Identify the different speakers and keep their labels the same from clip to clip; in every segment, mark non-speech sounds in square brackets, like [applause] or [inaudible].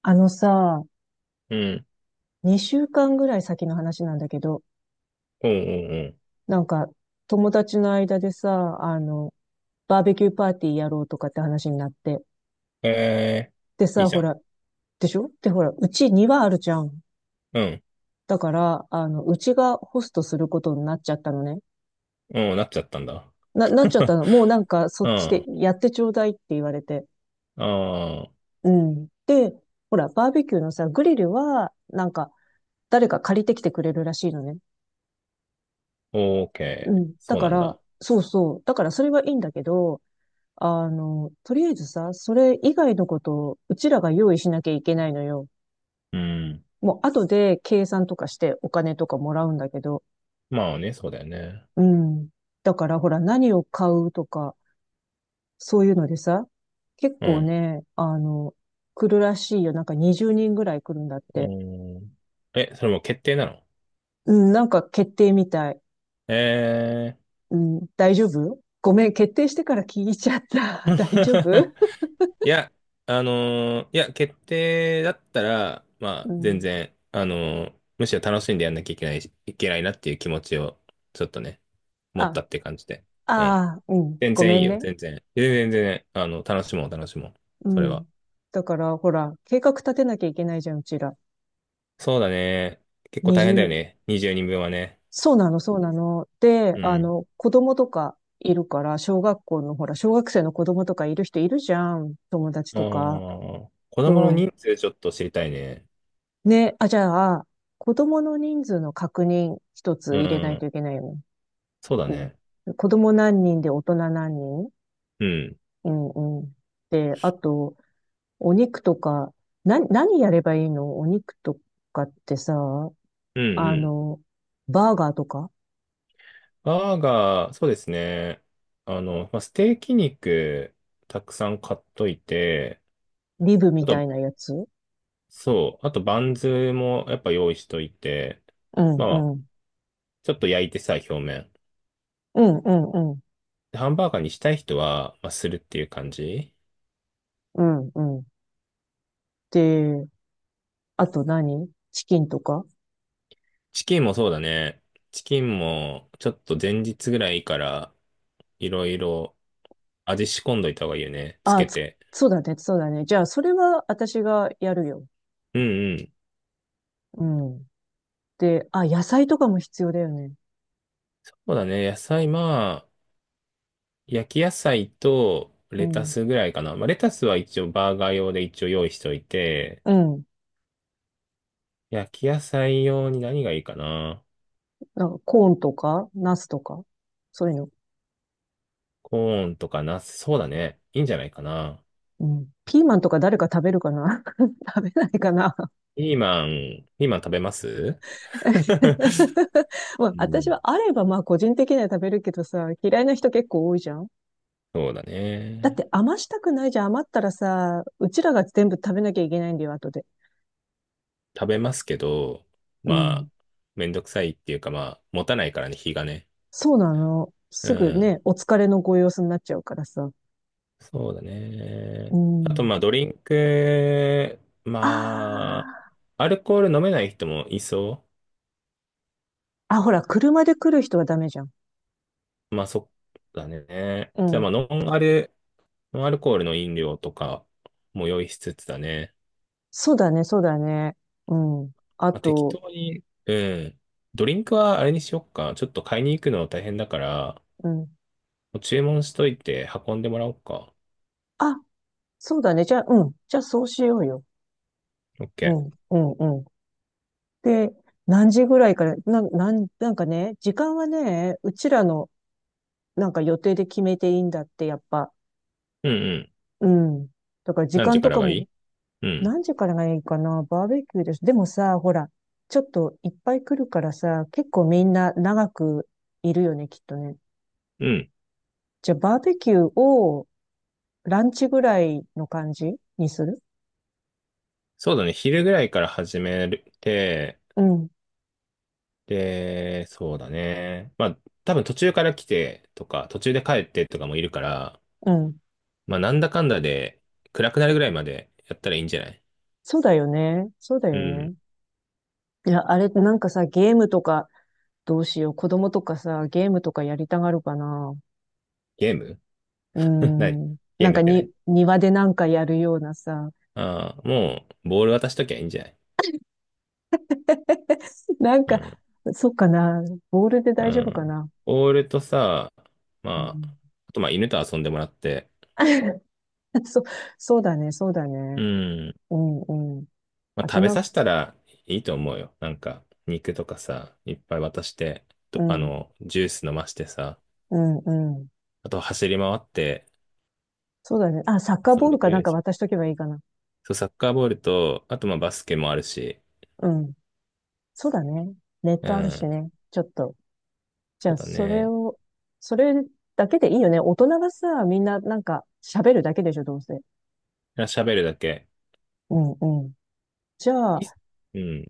Speaker 1: あのさ、
Speaker 2: うん。
Speaker 1: 2週間ぐらい先の話なんだけど、
Speaker 2: うんうんう
Speaker 1: なんか友達の間でさ、バーベキューパーティーやろうとかって話になって。
Speaker 2: ん。え
Speaker 1: で
Speaker 2: ー、いい
Speaker 1: さ、
Speaker 2: じ
Speaker 1: ほ
Speaker 2: ゃん。
Speaker 1: ら、でしょ。で、ほら、うち庭あるじゃん。
Speaker 2: うん。
Speaker 1: だから、うちがホストすることになっちゃったのね。
Speaker 2: うん、なっちゃったんだ。
Speaker 1: なっちゃった
Speaker 2: [laughs]
Speaker 1: の。もうなんかそ
Speaker 2: うん。
Speaker 1: っちで
Speaker 2: あ
Speaker 1: やってちょうだいって言われて。
Speaker 2: あ、
Speaker 1: うん。で、ほら、バーベキューのさ、グリルは、なんか、誰か借りてきてくれるらしいのね。
Speaker 2: オー
Speaker 1: う
Speaker 2: ケー。
Speaker 1: ん。だ
Speaker 2: そう
Speaker 1: か
Speaker 2: なん
Speaker 1: ら、
Speaker 2: だ。
Speaker 1: そうそう。だからそれはいいんだけど、とりあえずさ、それ以外のことをうちらが用意しなきゃいけないのよ。
Speaker 2: うん。
Speaker 1: もう後で計算とかしてお金とかもらうんだけど。
Speaker 2: まあね、そうだよね。
Speaker 1: うん。だからほら何を買うとか、そういうのでさ、結
Speaker 2: う
Speaker 1: 構
Speaker 2: ん。
Speaker 1: ね、来るらしいよ。なんか20人ぐらい来るんだっ
Speaker 2: う
Speaker 1: て。
Speaker 2: ん。え、それもう決定なの？
Speaker 1: うん、なんか決定みたい。
Speaker 2: え
Speaker 1: うん、大丈夫？ごめん、決定してから聞いちゃっ
Speaker 2: ー。
Speaker 1: た。[laughs] 大丈夫？
Speaker 2: [laughs] いや、いや、決定だったら、ま
Speaker 1: う
Speaker 2: あ、全
Speaker 1: ん。
Speaker 2: 然、むしろ楽しんでやんなきゃいけないし、いけないなっていう気持ちを、ちょっとね、持
Speaker 1: あ、
Speaker 2: ったって感じで。うん。
Speaker 1: ああ、うん、
Speaker 2: 全
Speaker 1: ご
Speaker 2: 然
Speaker 1: め
Speaker 2: いい
Speaker 1: ん
Speaker 2: よ、
Speaker 1: ね。
Speaker 2: 全然。全然、全然、楽しもう、楽しもう。
Speaker 1: う
Speaker 2: それは。
Speaker 1: ん。だから、ほら、計画立てなきゃいけないじゃん、うちら。
Speaker 2: そうだね。結構
Speaker 1: 二
Speaker 2: 大変だよ
Speaker 1: 十、
Speaker 2: ね。20人分はね。
Speaker 1: そうなの、そうなの。で、
Speaker 2: うん。
Speaker 1: 子供とかいるから、小学校の、ほら、小学生の子供とかいる人いるじゃん、友達
Speaker 2: ああ、
Speaker 1: とか。
Speaker 2: 子供の
Speaker 1: そ
Speaker 2: 人数ちょっと知りたいね。
Speaker 1: う。ね、あ、じゃあ、子供の人数の確認一
Speaker 2: う
Speaker 1: つ入れないと
Speaker 2: ん。
Speaker 1: いけないよね。
Speaker 2: そうだね。
Speaker 1: うん。子供何人で大人何人。
Speaker 2: うん。
Speaker 1: うんうん。で、あと、お肉とか、何やればいいのお肉とかってさ、
Speaker 2: うん、う
Speaker 1: あ
Speaker 2: ん。
Speaker 1: の、バーガーとか、
Speaker 2: バーガー、そうですね。まあ、ステーキ肉、たくさん買っといて、
Speaker 1: リブみ
Speaker 2: あ
Speaker 1: た
Speaker 2: と、
Speaker 1: いなやつ。
Speaker 2: そう、あとバンズもやっぱ用意しといて、
Speaker 1: うん
Speaker 2: まあ、
Speaker 1: うん。
Speaker 2: ちょっと焼いてさ、表面。
Speaker 1: うんうんうん。
Speaker 2: ハンバーガーにしたい人は、まあ、するっていう感じ。
Speaker 1: うんうん。で、あと何チキンとか。
Speaker 2: チキンもそうだね。チキンも、ちょっと前日ぐらいから、いろいろ味仕込んどいた方がいいよね。つ
Speaker 1: あ、
Speaker 2: け
Speaker 1: つ、
Speaker 2: て。
Speaker 1: そうだね、そうだね。じゃあ、それは私がやるよ。
Speaker 2: うんうん。
Speaker 1: うん。で、あ、野菜とかも必要だよね。
Speaker 2: そうだね。野菜、まあ、焼き野菜と
Speaker 1: う
Speaker 2: レタ
Speaker 1: ん。
Speaker 2: スぐらいかな。まあ、レタスは一応バーガー用で一応用意しておいて、
Speaker 1: うん。
Speaker 2: 焼き野菜用に何がいいかな。
Speaker 1: なんか、コーンとか、ナスとか、そういうの。
Speaker 2: コーンとかナス、そうだね。いいんじゃないかな。
Speaker 1: うん。ピーマンとか誰か食べるかな？ [laughs] 食べないかな？
Speaker 2: ピーマン、ピーマン食べます？
Speaker 1: [laughs]
Speaker 2: [laughs]
Speaker 1: まあ、
Speaker 2: う
Speaker 1: 私
Speaker 2: ん、
Speaker 1: はあれば、まあ、個人的には食べるけどさ、嫌いな人結構多いじゃん。
Speaker 2: そうだ
Speaker 1: だっ
Speaker 2: ね。
Speaker 1: て余したくないじゃん。余ったらさ、うちらが全部食べなきゃいけないんだよ、後で。
Speaker 2: 食べますけど、
Speaker 1: う
Speaker 2: ま
Speaker 1: ん。
Speaker 2: あ、めんどくさいっていうか、まあ、持たないからね、日がね。
Speaker 1: そうなの。
Speaker 2: う
Speaker 1: すぐ
Speaker 2: ん。
Speaker 1: ね、お疲れのご様子になっちゃうからさ。
Speaker 2: そうだ
Speaker 1: う
Speaker 2: ね。あと、
Speaker 1: ん。
Speaker 2: まあ、ドリンク、
Speaker 1: あ
Speaker 2: まあ、アルコール飲めない人もいそ
Speaker 1: あ。あ、ほら、車で来る人はダメじゃん。
Speaker 2: う。まあ、そうだね。
Speaker 1: う
Speaker 2: じゃあ、まあ、
Speaker 1: ん。
Speaker 2: ノンアルコールの飲料とかも用意しつつだね。
Speaker 1: そうだね、そうだね。うん。あ
Speaker 2: まあ、適
Speaker 1: と、
Speaker 2: 当に、うん。ドリンクはあれにしよっか。ちょっと買いに行くの大変だから、
Speaker 1: うん。
Speaker 2: もう注文しといて運んでもらおうか。
Speaker 1: あ、そうだね。じゃあ、うん。じゃあ、そうしようよ。う
Speaker 2: OK。
Speaker 1: ん、うん、うん。で、何時ぐらいから、なんかね、時間はね、うちらの、なんか予定で決めていいんだって、やっぱ。
Speaker 2: うんうん。
Speaker 1: うん。だから時
Speaker 2: 何
Speaker 1: 間
Speaker 2: 時か
Speaker 1: と
Speaker 2: ら
Speaker 1: か
Speaker 2: がい
Speaker 1: も。
Speaker 2: い？うん。
Speaker 1: 何時からがいいかな、バーベキューです。でもさ、ほら、ちょっといっぱい来るからさ、結構みんな長くいるよね、きっとね。
Speaker 2: うん。
Speaker 1: じゃあバーベキューをランチぐらいの感じにする？
Speaker 2: そうだね。昼ぐらいから始めて、
Speaker 1: うん、
Speaker 2: で、そうだね。まあ、多分途中から来てとか、途中で帰ってとかもいるから、
Speaker 1: うん。
Speaker 2: まあ、なんだかんだで暗くなるぐらいまでやったらいいんじゃない？
Speaker 1: そうだよね。そうだ
Speaker 2: う
Speaker 1: よ
Speaker 2: ん。
Speaker 1: ね。いや、あれ、なんかさ、ゲームとか、どうしよう。子供とかさ、ゲームとかやりたがるかな。
Speaker 2: ゲーム？
Speaker 1: うー
Speaker 2: [laughs] 何？
Speaker 1: ん。
Speaker 2: ゲ
Speaker 1: な
Speaker 2: ー
Speaker 1: ん
Speaker 2: ム
Speaker 1: か
Speaker 2: って
Speaker 1: に、
Speaker 2: 何？
Speaker 1: 庭でなんかやるようなさ。
Speaker 2: ああー、もう、ボール渡しときゃいいんじゃない？
Speaker 1: [laughs] なん
Speaker 2: う
Speaker 1: か、
Speaker 2: ん。
Speaker 1: そっかな。ボールで
Speaker 2: う
Speaker 1: 大丈夫か
Speaker 2: ん。
Speaker 1: な。
Speaker 2: ボールとさ、
Speaker 1: う
Speaker 2: まあ、
Speaker 1: ん、
Speaker 2: あとまあ犬と遊んでもらって、
Speaker 1: [laughs] そ、そうだね、そうだ
Speaker 2: う
Speaker 1: ね。
Speaker 2: ん。
Speaker 1: うん、うん。
Speaker 2: まあ、
Speaker 1: あと
Speaker 2: 食べさ
Speaker 1: な、
Speaker 2: せたらいいと思うよ。なんか、肉とかさ、いっぱい渡して、
Speaker 1: う
Speaker 2: と
Speaker 1: ん、
Speaker 2: ジュース飲ましてさ、
Speaker 1: うん、うん。
Speaker 2: あと走り回って
Speaker 1: そうだね。あ、サッカー
Speaker 2: 遊
Speaker 1: ボ
Speaker 2: ん
Speaker 1: ー
Speaker 2: で
Speaker 1: ル
Speaker 2: く
Speaker 1: か
Speaker 2: れ
Speaker 1: な
Speaker 2: る
Speaker 1: ん
Speaker 2: で
Speaker 1: か
Speaker 2: し
Speaker 1: 渡
Speaker 2: ょ。
Speaker 1: しとけばいいかな。
Speaker 2: そう、サッカーボールと、あとまあバスケもあるし、
Speaker 1: うん。そうだね。ネッ
Speaker 2: う
Speaker 1: トあるし
Speaker 2: ん、
Speaker 1: ね。ちょっと。じゃ
Speaker 2: そ
Speaker 1: あ、
Speaker 2: うだね。
Speaker 1: それだけでいいよね。大人がさ、みんななんか喋るだけでしょ、どうせ。
Speaker 2: 喋るだけ。
Speaker 1: うん、うん。じゃあ、
Speaker 2: いうん。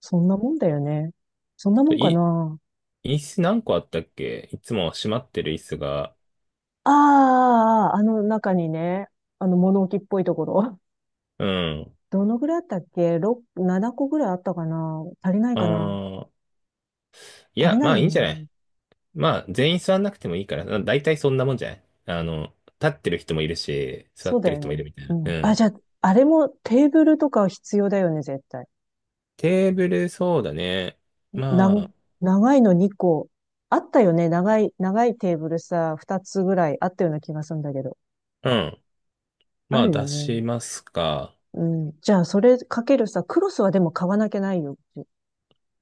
Speaker 1: そんなもんだよね。そんなも
Speaker 2: と
Speaker 1: んか
Speaker 2: い、
Speaker 1: な。
Speaker 2: 椅子何個あったっけ？いつも閉まってる椅子が。
Speaker 1: ああ、あああの中にね、あの物置っぽいところ。
Speaker 2: うん。
Speaker 1: [laughs] どのぐらいあったっけ？ 6、7個ぐらいあったかな。足りないかな。
Speaker 2: ああ、い
Speaker 1: 足り
Speaker 2: や、
Speaker 1: な
Speaker 2: ま
Speaker 1: い
Speaker 2: あ
Speaker 1: よ
Speaker 2: いいんじゃな
Speaker 1: ね。
Speaker 2: い？まあ、全員座んなくてもいいから、だいたいそんなもんじゃない？立ってる人もいるし、座
Speaker 1: そ
Speaker 2: っ
Speaker 1: うだ
Speaker 2: てる
Speaker 1: よ
Speaker 2: 人もい
Speaker 1: ね。
Speaker 2: るみたい
Speaker 1: う
Speaker 2: な。う
Speaker 1: ん。あ、じゃ
Speaker 2: ん。
Speaker 1: あ、あれもテーブルとか必要だよね、絶対。
Speaker 2: テーブル、そうだね。
Speaker 1: なん、
Speaker 2: ま
Speaker 1: 長いの2個。あったよね。長い、長いテーブルさ、2つぐらいあったような気がするんだけど。
Speaker 2: あ、うん。
Speaker 1: あ
Speaker 2: まあ、
Speaker 1: るよ
Speaker 2: 出
Speaker 1: ね。
Speaker 2: しますか。
Speaker 1: うん。じゃあ、それかけるさ、クロスはでも買わなきゃないよ。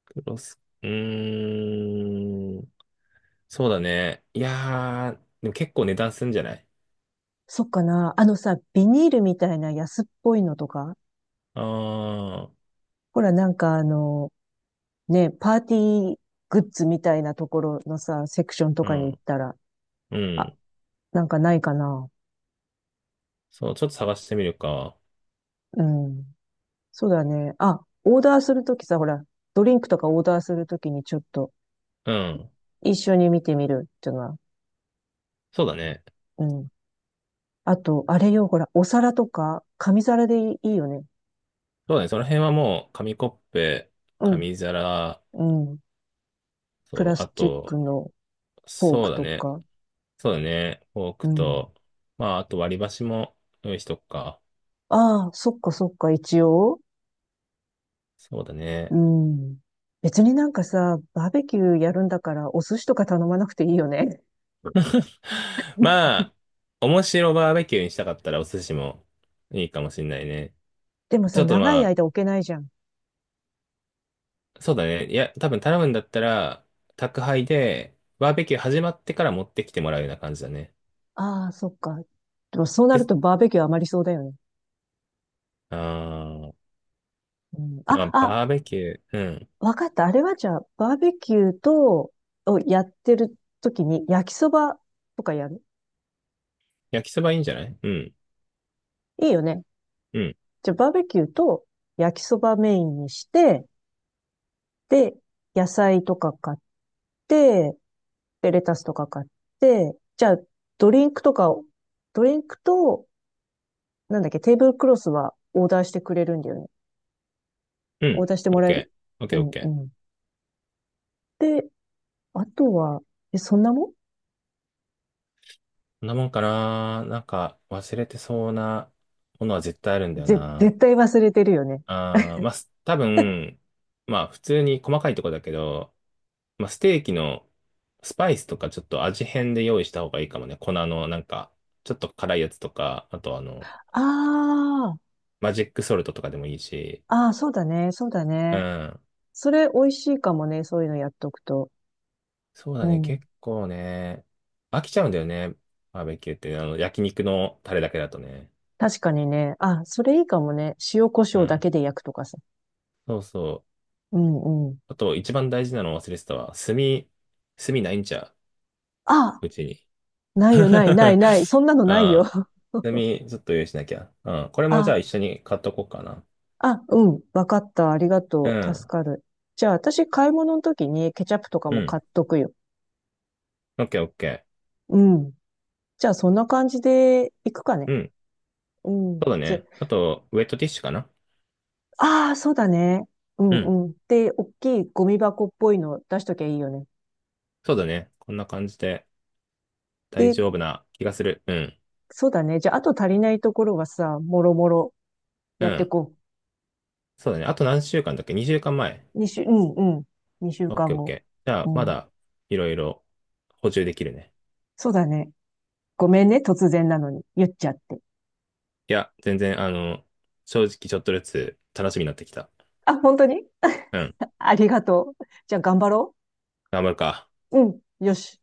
Speaker 2: クロス、うーん。そうだね。いやー、でも結構値段すんじゃない？
Speaker 1: そっかな。あのさ、ビニールみたいな安っぽいのとか、
Speaker 2: ああー、
Speaker 1: ほら、なんかね、パーティーグッズみたいなところのさ、セクションと
Speaker 2: う
Speaker 1: かに行っ
Speaker 2: ん。
Speaker 1: たら、
Speaker 2: う
Speaker 1: あ、
Speaker 2: ん。
Speaker 1: なんかないかな。
Speaker 2: そう、ちょっと探してみるか。
Speaker 1: うん。そうだね。あ、オーダーするときさ、ほら、ドリンクとかオーダーするときにちょっと
Speaker 2: うん。
Speaker 1: 一緒に見てみるっていうのは。
Speaker 2: そうだね。
Speaker 1: うん。あと、あれよ、ほら、お皿とか、紙皿でいいよね。
Speaker 2: そうだね。その辺はもう、紙コップ、
Speaker 1: うん。
Speaker 2: 紙皿、
Speaker 1: うん。プ
Speaker 2: そ
Speaker 1: ラ
Speaker 2: う、
Speaker 1: ス
Speaker 2: あ
Speaker 1: チック
Speaker 2: と、
Speaker 1: のフォー
Speaker 2: そう
Speaker 1: ク
Speaker 2: だ
Speaker 1: と
Speaker 2: ね。
Speaker 1: か。
Speaker 2: そうだね。フォー
Speaker 1: う
Speaker 2: ク
Speaker 1: ん。
Speaker 2: と、まあ、あと割り箸も用意しとくか。
Speaker 1: ああ、そっかそっか、一応。
Speaker 2: そうだ
Speaker 1: う
Speaker 2: ね。
Speaker 1: ん。別になんかさ、バーベキューやるんだからお寿司とか頼まなくていいよね。
Speaker 2: [sighs] まあ、面白バーベキューにしたかったらお寿司もいいかもしんないね。
Speaker 1: でも
Speaker 2: ち
Speaker 1: さ、
Speaker 2: ょっと
Speaker 1: 長い
Speaker 2: ま
Speaker 1: 間置けないじゃん。
Speaker 2: あ、そうだね。いや、多分頼むんだったら、宅配で、バーベキュー始まってから持ってきてもらうような感じだね。
Speaker 1: ああ、そっか。でもそうなる
Speaker 2: で、
Speaker 1: とバーベキュー余りそうだよね。
Speaker 2: あー、
Speaker 1: うん、
Speaker 2: まあ、
Speaker 1: あ、
Speaker 2: バー
Speaker 1: あ、
Speaker 2: ベキュー、うん。
Speaker 1: わかった。あれはじゃあ、バーベキューと、をやってる時に焼きそばとかやる？
Speaker 2: 焼きそばいいんじゃない？うん、
Speaker 1: いいよね。
Speaker 2: うん、
Speaker 1: じゃあ、バーベキューと焼きそばメインにして、で、野菜とか買って、で、レタスとか買って、じゃあ、ドリンクとかを、ドリンクと、なんだっけ、テーブルクロスはオーダーしてくれるんだよね。
Speaker 2: う
Speaker 1: オー
Speaker 2: ん。
Speaker 1: ダーして
Speaker 2: オ
Speaker 1: も
Speaker 2: ッ
Speaker 1: らえ
Speaker 2: ケ
Speaker 1: る？
Speaker 2: ー、オッケ
Speaker 1: う
Speaker 2: ー、オッ
Speaker 1: ん
Speaker 2: ケ
Speaker 1: う
Speaker 2: ー。
Speaker 1: ん。で、あとは、え、そんなもん？
Speaker 2: こんなもんかな。なんか忘れてそうなものは絶対あるんだよな。
Speaker 1: 絶対忘れてるよね。
Speaker 2: あー、まあ、多分、まあ普通に細かいとこだけど、まあステーキのスパイスとかちょっと味変で用意した方がいいかもね。粉のなんか、ちょっと辛いやつとか、あと
Speaker 1: あ
Speaker 2: マジックソルトとかでもいいし。
Speaker 1: あ、ああ、そうだね、そうだ
Speaker 2: う
Speaker 1: ね。
Speaker 2: ん。
Speaker 1: それ美味しいかもね、そういうのやっとくと。
Speaker 2: そうだ
Speaker 1: う
Speaker 2: ね。
Speaker 1: ん。
Speaker 2: 結構ね、飽きちゃうんだよね。バーベキューって、焼肉のタレだけだとね。
Speaker 1: 確かにね。あ、それいいかもね。塩コシ
Speaker 2: う
Speaker 1: ョウだけ
Speaker 2: ん。
Speaker 1: で焼くとかさ。
Speaker 2: そうそう。
Speaker 1: うんうん。
Speaker 2: あと、一番大事なの忘れてたわ。炭、炭ないんちゃ
Speaker 1: あ、
Speaker 2: う、うちに。[laughs]
Speaker 1: ない
Speaker 2: う
Speaker 1: よ、ない、な
Speaker 2: ん。
Speaker 1: い、ない。そんなのないよ。
Speaker 2: 炭、
Speaker 1: [laughs]
Speaker 2: ちょっと用意しなきゃ。うん。これもじゃ
Speaker 1: あ、
Speaker 2: あ一緒に買っとこうかな。
Speaker 1: あ、うん。わかった。ありが
Speaker 2: う
Speaker 1: とう。助
Speaker 2: ん。
Speaker 1: かる。じゃあ、私、買い物の時にケチャップとか
Speaker 2: う
Speaker 1: も買
Speaker 2: ん。
Speaker 1: っとくよ。
Speaker 2: オッケーオッケ
Speaker 1: うん。じゃあ、そんな感じで行くか
Speaker 2: ー。
Speaker 1: ね。
Speaker 2: うん。
Speaker 1: うん。
Speaker 2: そうだ
Speaker 1: じゃ、
Speaker 2: ね。あと、ウェットティッシュかな？
Speaker 1: ああ、そうだね。う
Speaker 2: う
Speaker 1: ん
Speaker 2: ん。
Speaker 1: うん。で、大きいゴミ箱っぽいの出しときゃいいよね。
Speaker 2: そうだね。こんな感じで大
Speaker 1: で、
Speaker 2: 丈夫な気がする。うん。
Speaker 1: そうだね。じゃあ、あと足りないところはさ、もろもろ
Speaker 2: う
Speaker 1: やって
Speaker 2: ん。
Speaker 1: こ
Speaker 2: そうだね。あと何週間だっけ？ 2 週間前。
Speaker 1: う。うんうん。二週
Speaker 2: オッケ
Speaker 1: 間
Speaker 2: ーオッ
Speaker 1: 後。
Speaker 2: ケー。じゃ
Speaker 1: う
Speaker 2: あ、ま
Speaker 1: ん。
Speaker 2: だいろいろ補充できるね。
Speaker 1: そうだね。ごめんね、突然なのに。言っちゃって。
Speaker 2: いや、全然、正直ちょっとずつ楽しみになってきた。
Speaker 1: あ、本当に？
Speaker 2: うん。
Speaker 1: [laughs] ありがとう。じゃあ、頑張ろ
Speaker 2: 頑張るか。
Speaker 1: う。うん。よし。